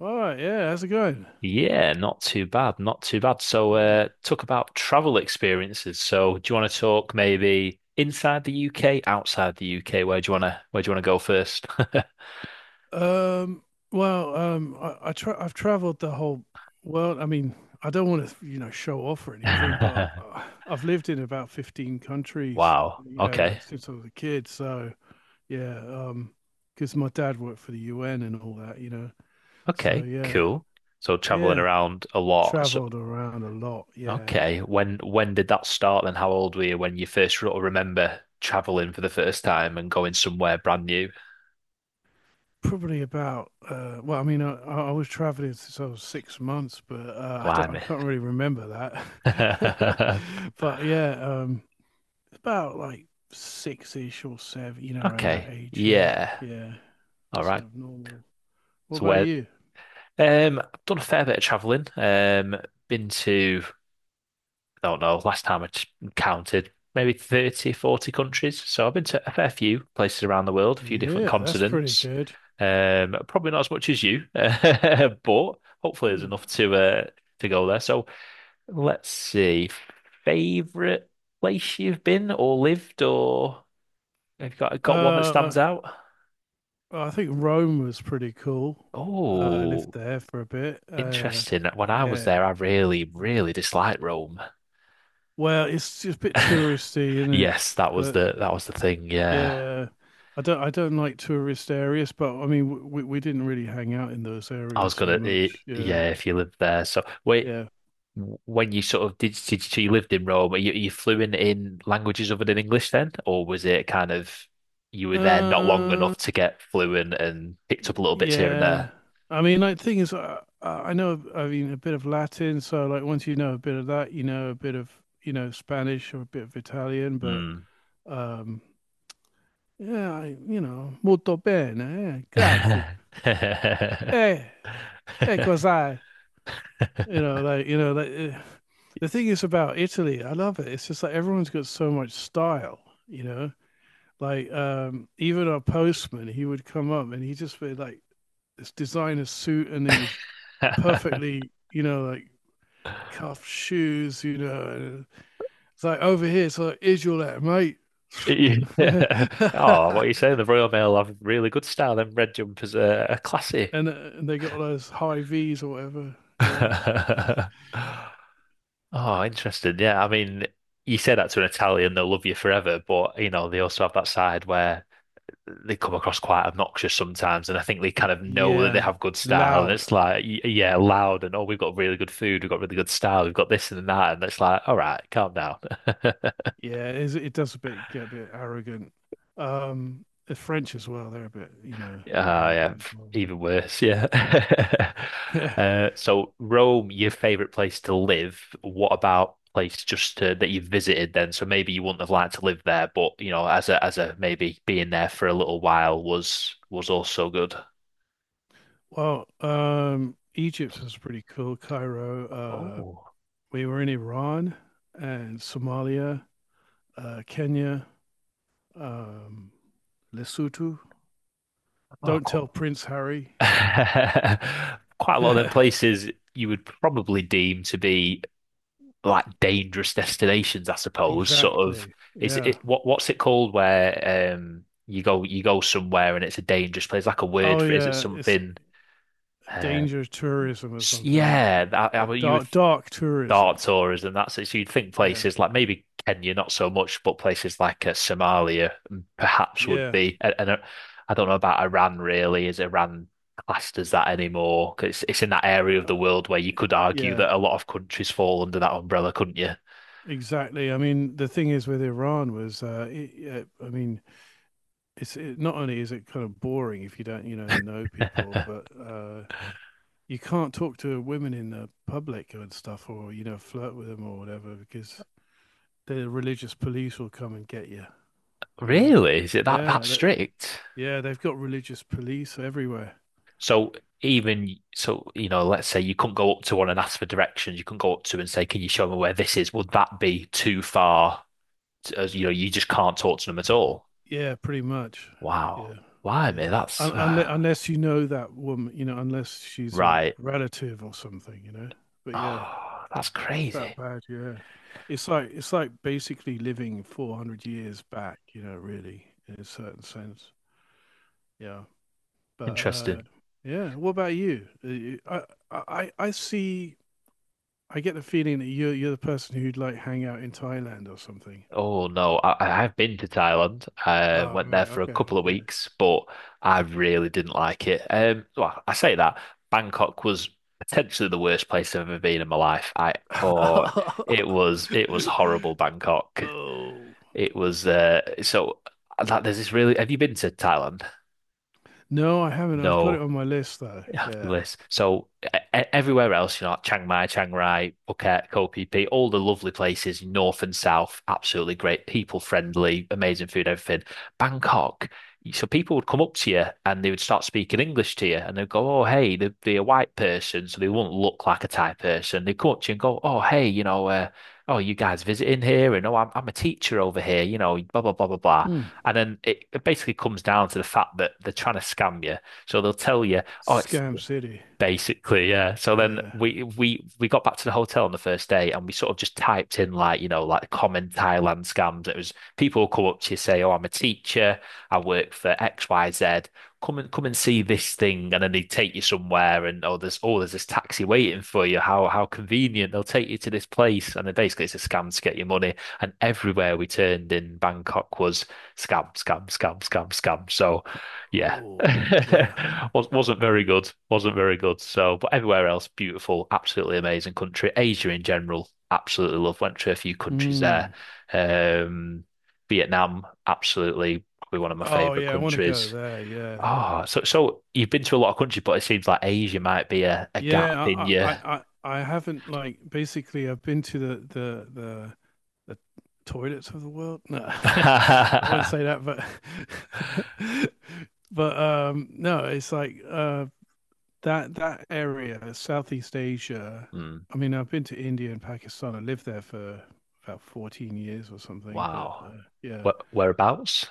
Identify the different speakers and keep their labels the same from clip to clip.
Speaker 1: All right, yeah, how's it going?
Speaker 2: Yeah, not too bad, not too bad. So,
Speaker 1: Yeah.
Speaker 2: talk about travel experiences. So, do you want to talk maybe inside the UK, outside the UK? Where do you want to where do you want to go first?
Speaker 1: Um, well, I've traveled the whole world. I mean, I don't want to, you know, show off or anything, but I've lived in about 15 countries,
Speaker 2: Wow.
Speaker 1: you know,
Speaker 2: Okay.
Speaker 1: since I was a kid. So, yeah, because my dad worked for the UN and all that, you know. So,
Speaker 2: Okay.
Speaker 1: yeah,
Speaker 2: Cool. So, traveling
Speaker 1: yeah,
Speaker 2: around a lot. So,
Speaker 1: traveled around a lot. Yeah.
Speaker 2: okay. When did that start? And how old were you when you first sort of remember traveling for the first time and going somewhere brand new?
Speaker 1: Probably about well, I mean, I was traveling since I was 6 months, but I
Speaker 2: Blimey.
Speaker 1: can't really remember that. But yeah, about like six-ish or seven, you know, around that
Speaker 2: Okay.
Speaker 1: age. Yeah,
Speaker 2: Yeah.
Speaker 1: yeah,
Speaker 2: All
Speaker 1: that's
Speaker 2: right.
Speaker 1: sort of normal. What
Speaker 2: So
Speaker 1: about
Speaker 2: where?
Speaker 1: you?
Speaker 2: I've done a fair bit of traveling. Been to, I don't know, last time I t- counted, maybe 30, 40 countries. So I've been to a fair few places around the world, a few different
Speaker 1: Yeah, that's pretty
Speaker 2: continents.
Speaker 1: good.
Speaker 2: Probably not as much as you, but hopefully there's
Speaker 1: Hmm.
Speaker 2: enough to go there. So let's see, favorite place you've been or lived, or have you got one that
Speaker 1: Uh,
Speaker 2: stands out?
Speaker 1: I think Rome was pretty cool. I lived
Speaker 2: Oh,
Speaker 1: there for a bit.
Speaker 2: interesting. When I was
Speaker 1: Yeah,
Speaker 2: there, I really,
Speaker 1: yeah.
Speaker 2: really disliked Rome.
Speaker 1: Well, it's just a bit touristy, isn't it?
Speaker 2: Yes, that was
Speaker 1: But
Speaker 2: the that was the thing. Yeah,
Speaker 1: yeah, I don't like tourist areas, but I mean we didn't really hang out in those
Speaker 2: I was
Speaker 1: areas so
Speaker 2: gonna. Eh,
Speaker 1: much. Yeah,
Speaker 2: yeah, if you lived there. So wait,
Speaker 1: yeah.
Speaker 2: when you sort of did, you lived in Rome? You flew in languages other than English then, or was it kind of you were there not long
Speaker 1: Uh,
Speaker 2: enough to get fluent and picked up little bits here and
Speaker 1: yeah.
Speaker 2: there?
Speaker 1: I mean, like, thing is, I know, I mean, a bit of Latin. So, like, once you know a bit of that, you know a bit of, you know, Spanish or a bit of Italian. But,
Speaker 2: Mm.
Speaker 1: um, yeah, I, you know, molto bene, eh, grazie. Eh, cos'hai? You know, like the thing is about Italy. I love it. It's just like everyone's got so much style. You know, like even our postman, he would come up and he just would like this designer suit and these perfectly, you know, like cuff shoes. You know, and it's like over here. It's like, is your letter, mate?
Speaker 2: Yeah.
Speaker 1: and,
Speaker 2: Oh,
Speaker 1: uh,
Speaker 2: what are you saying? The Royal Mail have really good style. Them red jumpers are classy.
Speaker 1: and they got all those high V's or whatever. You know.
Speaker 2: Oh, interesting. Yeah, I mean, you say that to an Italian, they'll love you forever, but you know, they also have that side where they come across quite obnoxious sometimes, and I think they kind of know that they
Speaker 1: Yeah,
Speaker 2: have good style, and
Speaker 1: loud.
Speaker 2: it's like, yeah,
Speaker 1: Yeah.
Speaker 2: loud, and oh, we've got really good food, we've got really good style, we've got this and that, and it's like, all right, calm down.
Speaker 1: Yeah, it is, it does a bit get a bit arrogant. The French as well, they're a bit, you know,
Speaker 2: Ah, yeah,
Speaker 1: arrogant as well, aren't
Speaker 2: even worse, yeah.
Speaker 1: they? Yeah.
Speaker 2: So Rome, your favorite place to live. What about place just to, that you visited then? So maybe you wouldn't have liked to live there, but you know, as a maybe being there for a little while was also good.
Speaker 1: Well, Egypt was pretty cool. Cairo.
Speaker 2: Oh,
Speaker 1: We were in Iran and Somalia, Kenya, um, Lesotho.
Speaker 2: oh,
Speaker 1: Don't
Speaker 2: qu-
Speaker 1: tell Prince Harry.
Speaker 2: quite a lot of them places you would probably deem to be like dangerous destinations, I suppose. Sort of
Speaker 1: Exactly.
Speaker 2: is
Speaker 1: Yeah.
Speaker 2: it what's it called where you go somewhere and it's a dangerous place, like a word
Speaker 1: Oh
Speaker 2: for it. Is it
Speaker 1: yeah, it's
Speaker 2: something? Uh,
Speaker 1: danger tourism or
Speaker 2: yeah,
Speaker 1: something.
Speaker 2: that, I
Speaker 1: Uh,
Speaker 2: mean, you would
Speaker 1: dark dark
Speaker 2: thought
Speaker 1: tourism.
Speaker 2: tourism. That's it. So you'd think
Speaker 1: Yeah.
Speaker 2: places like maybe Kenya, not so much, but places like Somalia perhaps would
Speaker 1: Yeah.
Speaker 2: be. And I don't know about Iran really. Is Iran classed as that anymore? 'Cause it's in that area of the
Speaker 1: Uh,
Speaker 2: world where you could argue
Speaker 1: yeah,
Speaker 2: that a lot of countries fall under that umbrella, couldn't you?
Speaker 1: exactly. I mean, the thing is with Iran was, I mean, not only is it kind of boring if you don't, you know people, but you can't talk to women in the public and stuff, or you know, flirt with them or whatever, because the religious police will come and get you. You know,
Speaker 2: Really? Is it that
Speaker 1: yeah, that,
Speaker 2: strict?
Speaker 1: yeah, they've got religious police everywhere.
Speaker 2: So even so, you know, let's say you couldn't go up to one and ask for directions. You couldn't go up to and say, "Can you show me where this is?" Would that be too far? To, as you know, you just can't talk to them at all.
Speaker 1: Yeah, pretty much.
Speaker 2: Wow.
Speaker 1: Yeah,
Speaker 2: Why,
Speaker 1: yeah.
Speaker 2: mate? That's
Speaker 1: Un- unless unless you know that woman, you know, unless she's a
Speaker 2: right.
Speaker 1: relative or something, you know. But yeah,
Speaker 2: Oh, that's
Speaker 1: it's that
Speaker 2: crazy.
Speaker 1: bad. Yeah, it's like basically living 400 years back, you know, really in a certain sense. Yeah, but
Speaker 2: Interesting.
Speaker 1: yeah. What about you? I see. I get the feeling that you're the person who'd like hang out in Thailand or something.
Speaker 2: Oh no, I've been to Thailand. I
Speaker 1: Oh,
Speaker 2: went there
Speaker 1: right.
Speaker 2: for a couple of
Speaker 1: Okay.
Speaker 2: weeks, but I really didn't like it. Well, I say that Bangkok was potentially the worst place I've ever been in my life. Oh, it was
Speaker 1: Okay.
Speaker 2: horrible Bangkok.
Speaker 1: Oh.
Speaker 2: It was so that there's this really. Have you been to Thailand?
Speaker 1: No, I haven't. I've got
Speaker 2: No
Speaker 1: it on my list though.
Speaker 2: happy
Speaker 1: Yeah.
Speaker 2: list. So everywhere else, you know, like Chiang Mai, Chiang Rai, Phuket, Koh Phi Phi, all the lovely places, north and south, absolutely great, people friendly, amazing food, everything. Bangkok, so people would come up to you and they would start speaking English to you, and they'd go, "Oh, hey," they'd be a white person, so they wouldn't look like a Thai person. They'd come up to you and go, "Oh, hey, you know, oh, you guys visiting here?" And oh, I'm a teacher over here, you know, blah blah blah blah blah.
Speaker 1: Mm.
Speaker 2: And then it basically comes down to the fact that they're trying to scam you. So they'll tell you, "Oh, it's
Speaker 1: Scam City.
Speaker 2: Basically, yeah. So then
Speaker 1: Yeah.
Speaker 2: we got back to the hotel on the first day and we sort of just typed in like, you know, like common Thailand scams. It was people come up to you say, "Oh, I'm a teacher. I work for XYZ. Come and see this thing." And then they take you somewhere and oh, there's this taxi waiting for you. How convenient. They'll take you to this place and then basically it's a scam to get your money. And everywhere we turned in Bangkok was scam, scam, scam, scam, scam. So, yeah,
Speaker 1: Oh, yeah.
Speaker 2: Was wasn't very good. Wasn't very good. So, but everywhere else, beautiful, absolutely amazing country. Asia in general, absolutely love. Went to a few countries there.
Speaker 1: Mm.
Speaker 2: Um, Vietnam, absolutely probably one of my
Speaker 1: Oh
Speaker 2: favorite
Speaker 1: yeah, I want to go
Speaker 2: countries.
Speaker 1: there. Yeah,
Speaker 2: Oh, so so you've been to a lot of countries, but it seems like Asia might be a gap in
Speaker 1: yeah.
Speaker 2: your.
Speaker 1: I haven't like basically. I've been to the toilets of the world. No, I wouldn't say that, but but no. It's like that that area, Southeast Asia.
Speaker 2: Hmm,
Speaker 1: I mean, I've been to India and Pakistan. I lived there for about 14 years or something. But
Speaker 2: wow.
Speaker 1: yeah,
Speaker 2: Where, whereabouts?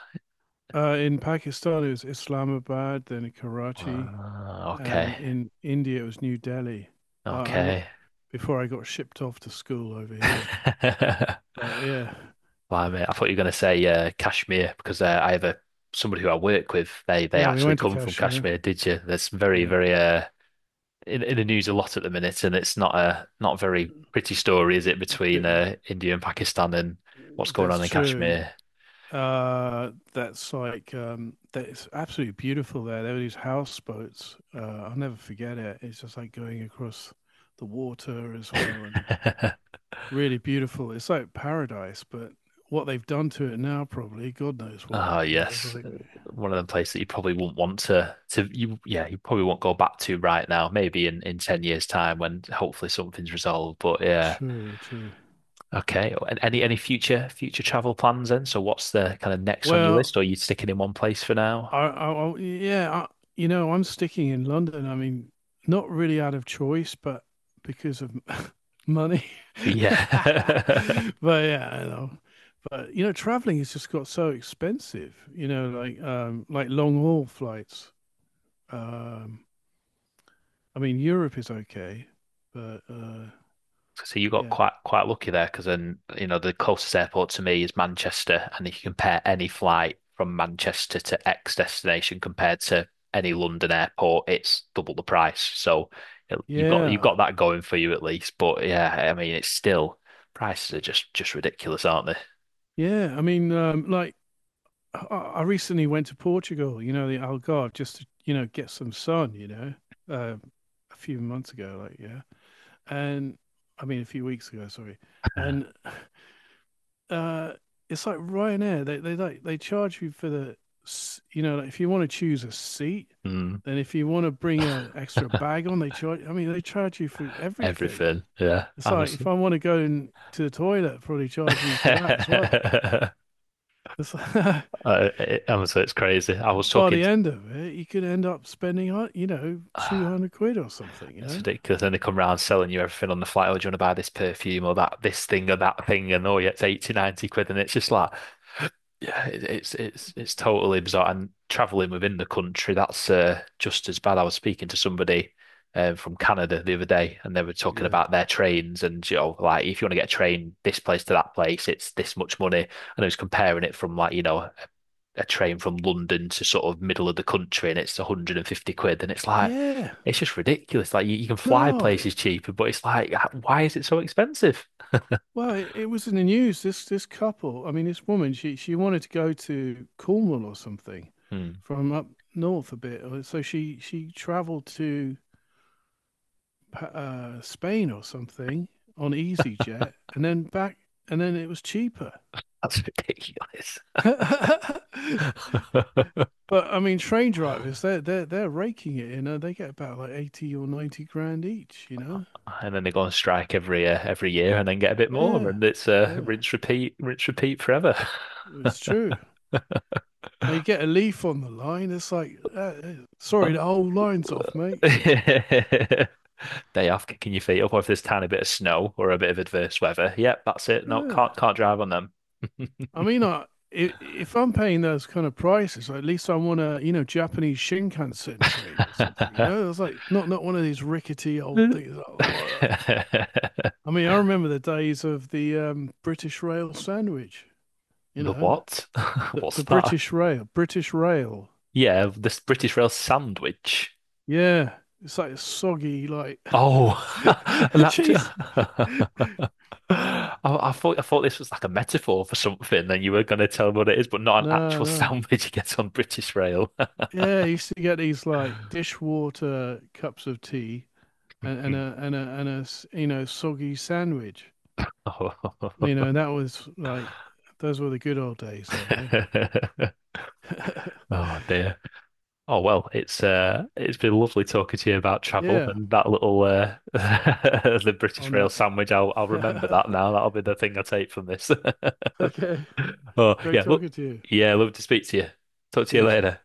Speaker 1: in Pakistan it was Islamabad, then Karachi,
Speaker 2: Ah, okay.
Speaker 1: and in India it was New Delhi. Uh, I w-
Speaker 2: Okay.
Speaker 1: Before I got shipped off to school over here. But yeah,
Speaker 2: Well, I mean, I thought you were going to say Kashmir because I have a somebody who I work with. They
Speaker 1: yeah, we
Speaker 2: actually
Speaker 1: went to
Speaker 2: come from
Speaker 1: Kashmir.
Speaker 2: Kashmir. Did you? That's very
Speaker 1: Yeah,
Speaker 2: very uh, in the news a lot at the minute, and it's not a not very pretty story, is it, between
Speaker 1: bit.
Speaker 2: India and Pakistan and what's going
Speaker 1: That's
Speaker 2: on in
Speaker 1: true.
Speaker 2: Kashmir?
Speaker 1: That's absolutely beautiful there. There were these houseboats. I'll never forget it. It's just like going across the water as well, and really beautiful. It's like paradise, but what they've done to it now, probably God knows what.
Speaker 2: Ah,
Speaker 1: You know, it's
Speaker 2: yes,
Speaker 1: like
Speaker 2: one of them places that you probably wouldn't want to you yeah you probably won't go back to right now. Maybe in 10 years' time when hopefully something's resolved. But yeah.
Speaker 1: true, true.
Speaker 2: Okay. And any future travel plans then? So what's the kind of next on your
Speaker 1: Well,
Speaker 2: list, or are you sticking in one place for now?
Speaker 1: I yeah, I, you know, I'm sticking in London. I mean, not really out of choice, but because of money.
Speaker 2: Yeah.
Speaker 1: But yeah, I know. But you know, traveling has just got so expensive. You know, like long haul flights. Um, I mean, Europe is okay, but
Speaker 2: So you got
Speaker 1: yeah,
Speaker 2: quite lucky there because then you know the closest airport to me is Manchester, and if you compare any flight from Manchester to X destination compared to any London airport, it's double the price. So you know, you've got you've
Speaker 1: yeah,
Speaker 2: got that going for you at least. But yeah, I mean it's still prices are just ridiculous, aren't they?
Speaker 1: yeah. I mean, like I recently went to Portugal, you know, the Algarve, just to, you know, get some sun, you know, uh, a few months ago, like, yeah. And I mean, a few weeks ago, sorry. And uh, it's like Ryanair, they like, they charge you for the, you know, like if you want to choose a seat,
Speaker 2: Mm.
Speaker 1: then if you want to bring a extra bag on, they charge, I mean, they charge you for everything.
Speaker 2: Everything. Yeah,
Speaker 1: It's like, if
Speaker 2: honestly.
Speaker 1: I want to go in to the toilet, probably charge me for that as well. It's like,
Speaker 2: Honestly, it's crazy. I was
Speaker 1: by
Speaker 2: talking.
Speaker 1: the end of it, you could end up spending, you know,
Speaker 2: uh,
Speaker 1: 200 quid or something, you
Speaker 2: It's
Speaker 1: know?
Speaker 2: ridiculous. Then they come round selling you everything on the flight. Oh, do you want to buy this perfume or that this thing or that thing? And oh, yeah, it's 80, £90. And it's just like, yeah, it's it's totally bizarre. And traveling within the country, that's just as bad. I was speaking to somebody from Canada the other day, and they were talking
Speaker 1: Yeah.
Speaker 2: about their trains and you know, like if you want to get a train this place to that place, it's this much money. And I was comparing it from like you know a train from London to sort of middle of the country and it's 150 quid. And it's like,
Speaker 1: Yeah.
Speaker 2: it's just ridiculous. Like you can fly
Speaker 1: No. It,
Speaker 2: places cheaper, but it's like, why is it so expensive?
Speaker 1: well, it was in the news. This couple, I mean, this woman, she wanted to go to Cornwall or something
Speaker 2: Hmm,
Speaker 1: from up north a bit. So she traveled to Spain or something on EasyJet and then back, and then it was cheaper.
Speaker 2: that's ridiculous.
Speaker 1: And but I mean, train drivers, they're raking it, you know. They get about like 80 or 90 grand each, you know.
Speaker 2: And then they go on strike every year and then get a bit more.
Speaker 1: Yeah,
Speaker 2: And it's
Speaker 1: yeah,
Speaker 2: rinse, repeat forever.
Speaker 1: it's true. Now you get a leaf on the line, it's like, sorry, the whole line's off, mate.
Speaker 2: Day off, kicking your feet up, or if there's a tiny bit of snow or a bit of adverse weather. Yep, that's it. No,
Speaker 1: Yeah.
Speaker 2: can't drive on them.
Speaker 1: I mean, I, if I'm paying those kind of prices, at least I want a, you know, Japanese Shinkansen train or something, you know. It's like not one of these rickety old
Speaker 2: Uh,
Speaker 1: things. Oh, I mean, I remember the days of the British Rail sandwich, you
Speaker 2: The
Speaker 1: know.
Speaker 2: what? What's that?
Speaker 1: British Rail.
Speaker 2: Yeah, this British Rail sandwich.
Speaker 1: Yeah, it's like soggy, like
Speaker 2: Oh, an act-
Speaker 1: jeez.
Speaker 2: I, I thought this was like a metaphor for something, and you were going to tell me what it is, but not an
Speaker 1: No,
Speaker 2: actual
Speaker 1: no.
Speaker 2: sandwich you get on British Rail.
Speaker 1: Yeah, I used to get these like dishwater cups of tea and, and a you know soggy sandwich. You
Speaker 2: Oh,
Speaker 1: know, and that was like those were the good old days, though, eh?
Speaker 2: oh dear. Oh well, it's been lovely talking to you about travel
Speaker 1: Yeah,
Speaker 2: and that little the British
Speaker 1: on
Speaker 2: Rail
Speaker 1: that.
Speaker 2: sandwich. I'll remember that now. That'll be the thing I take from this.
Speaker 1: Okay,
Speaker 2: Oh
Speaker 1: great
Speaker 2: yeah, look,
Speaker 1: talking to you.
Speaker 2: yeah, love to speak to you. Talk to you
Speaker 1: Cheers.
Speaker 2: later.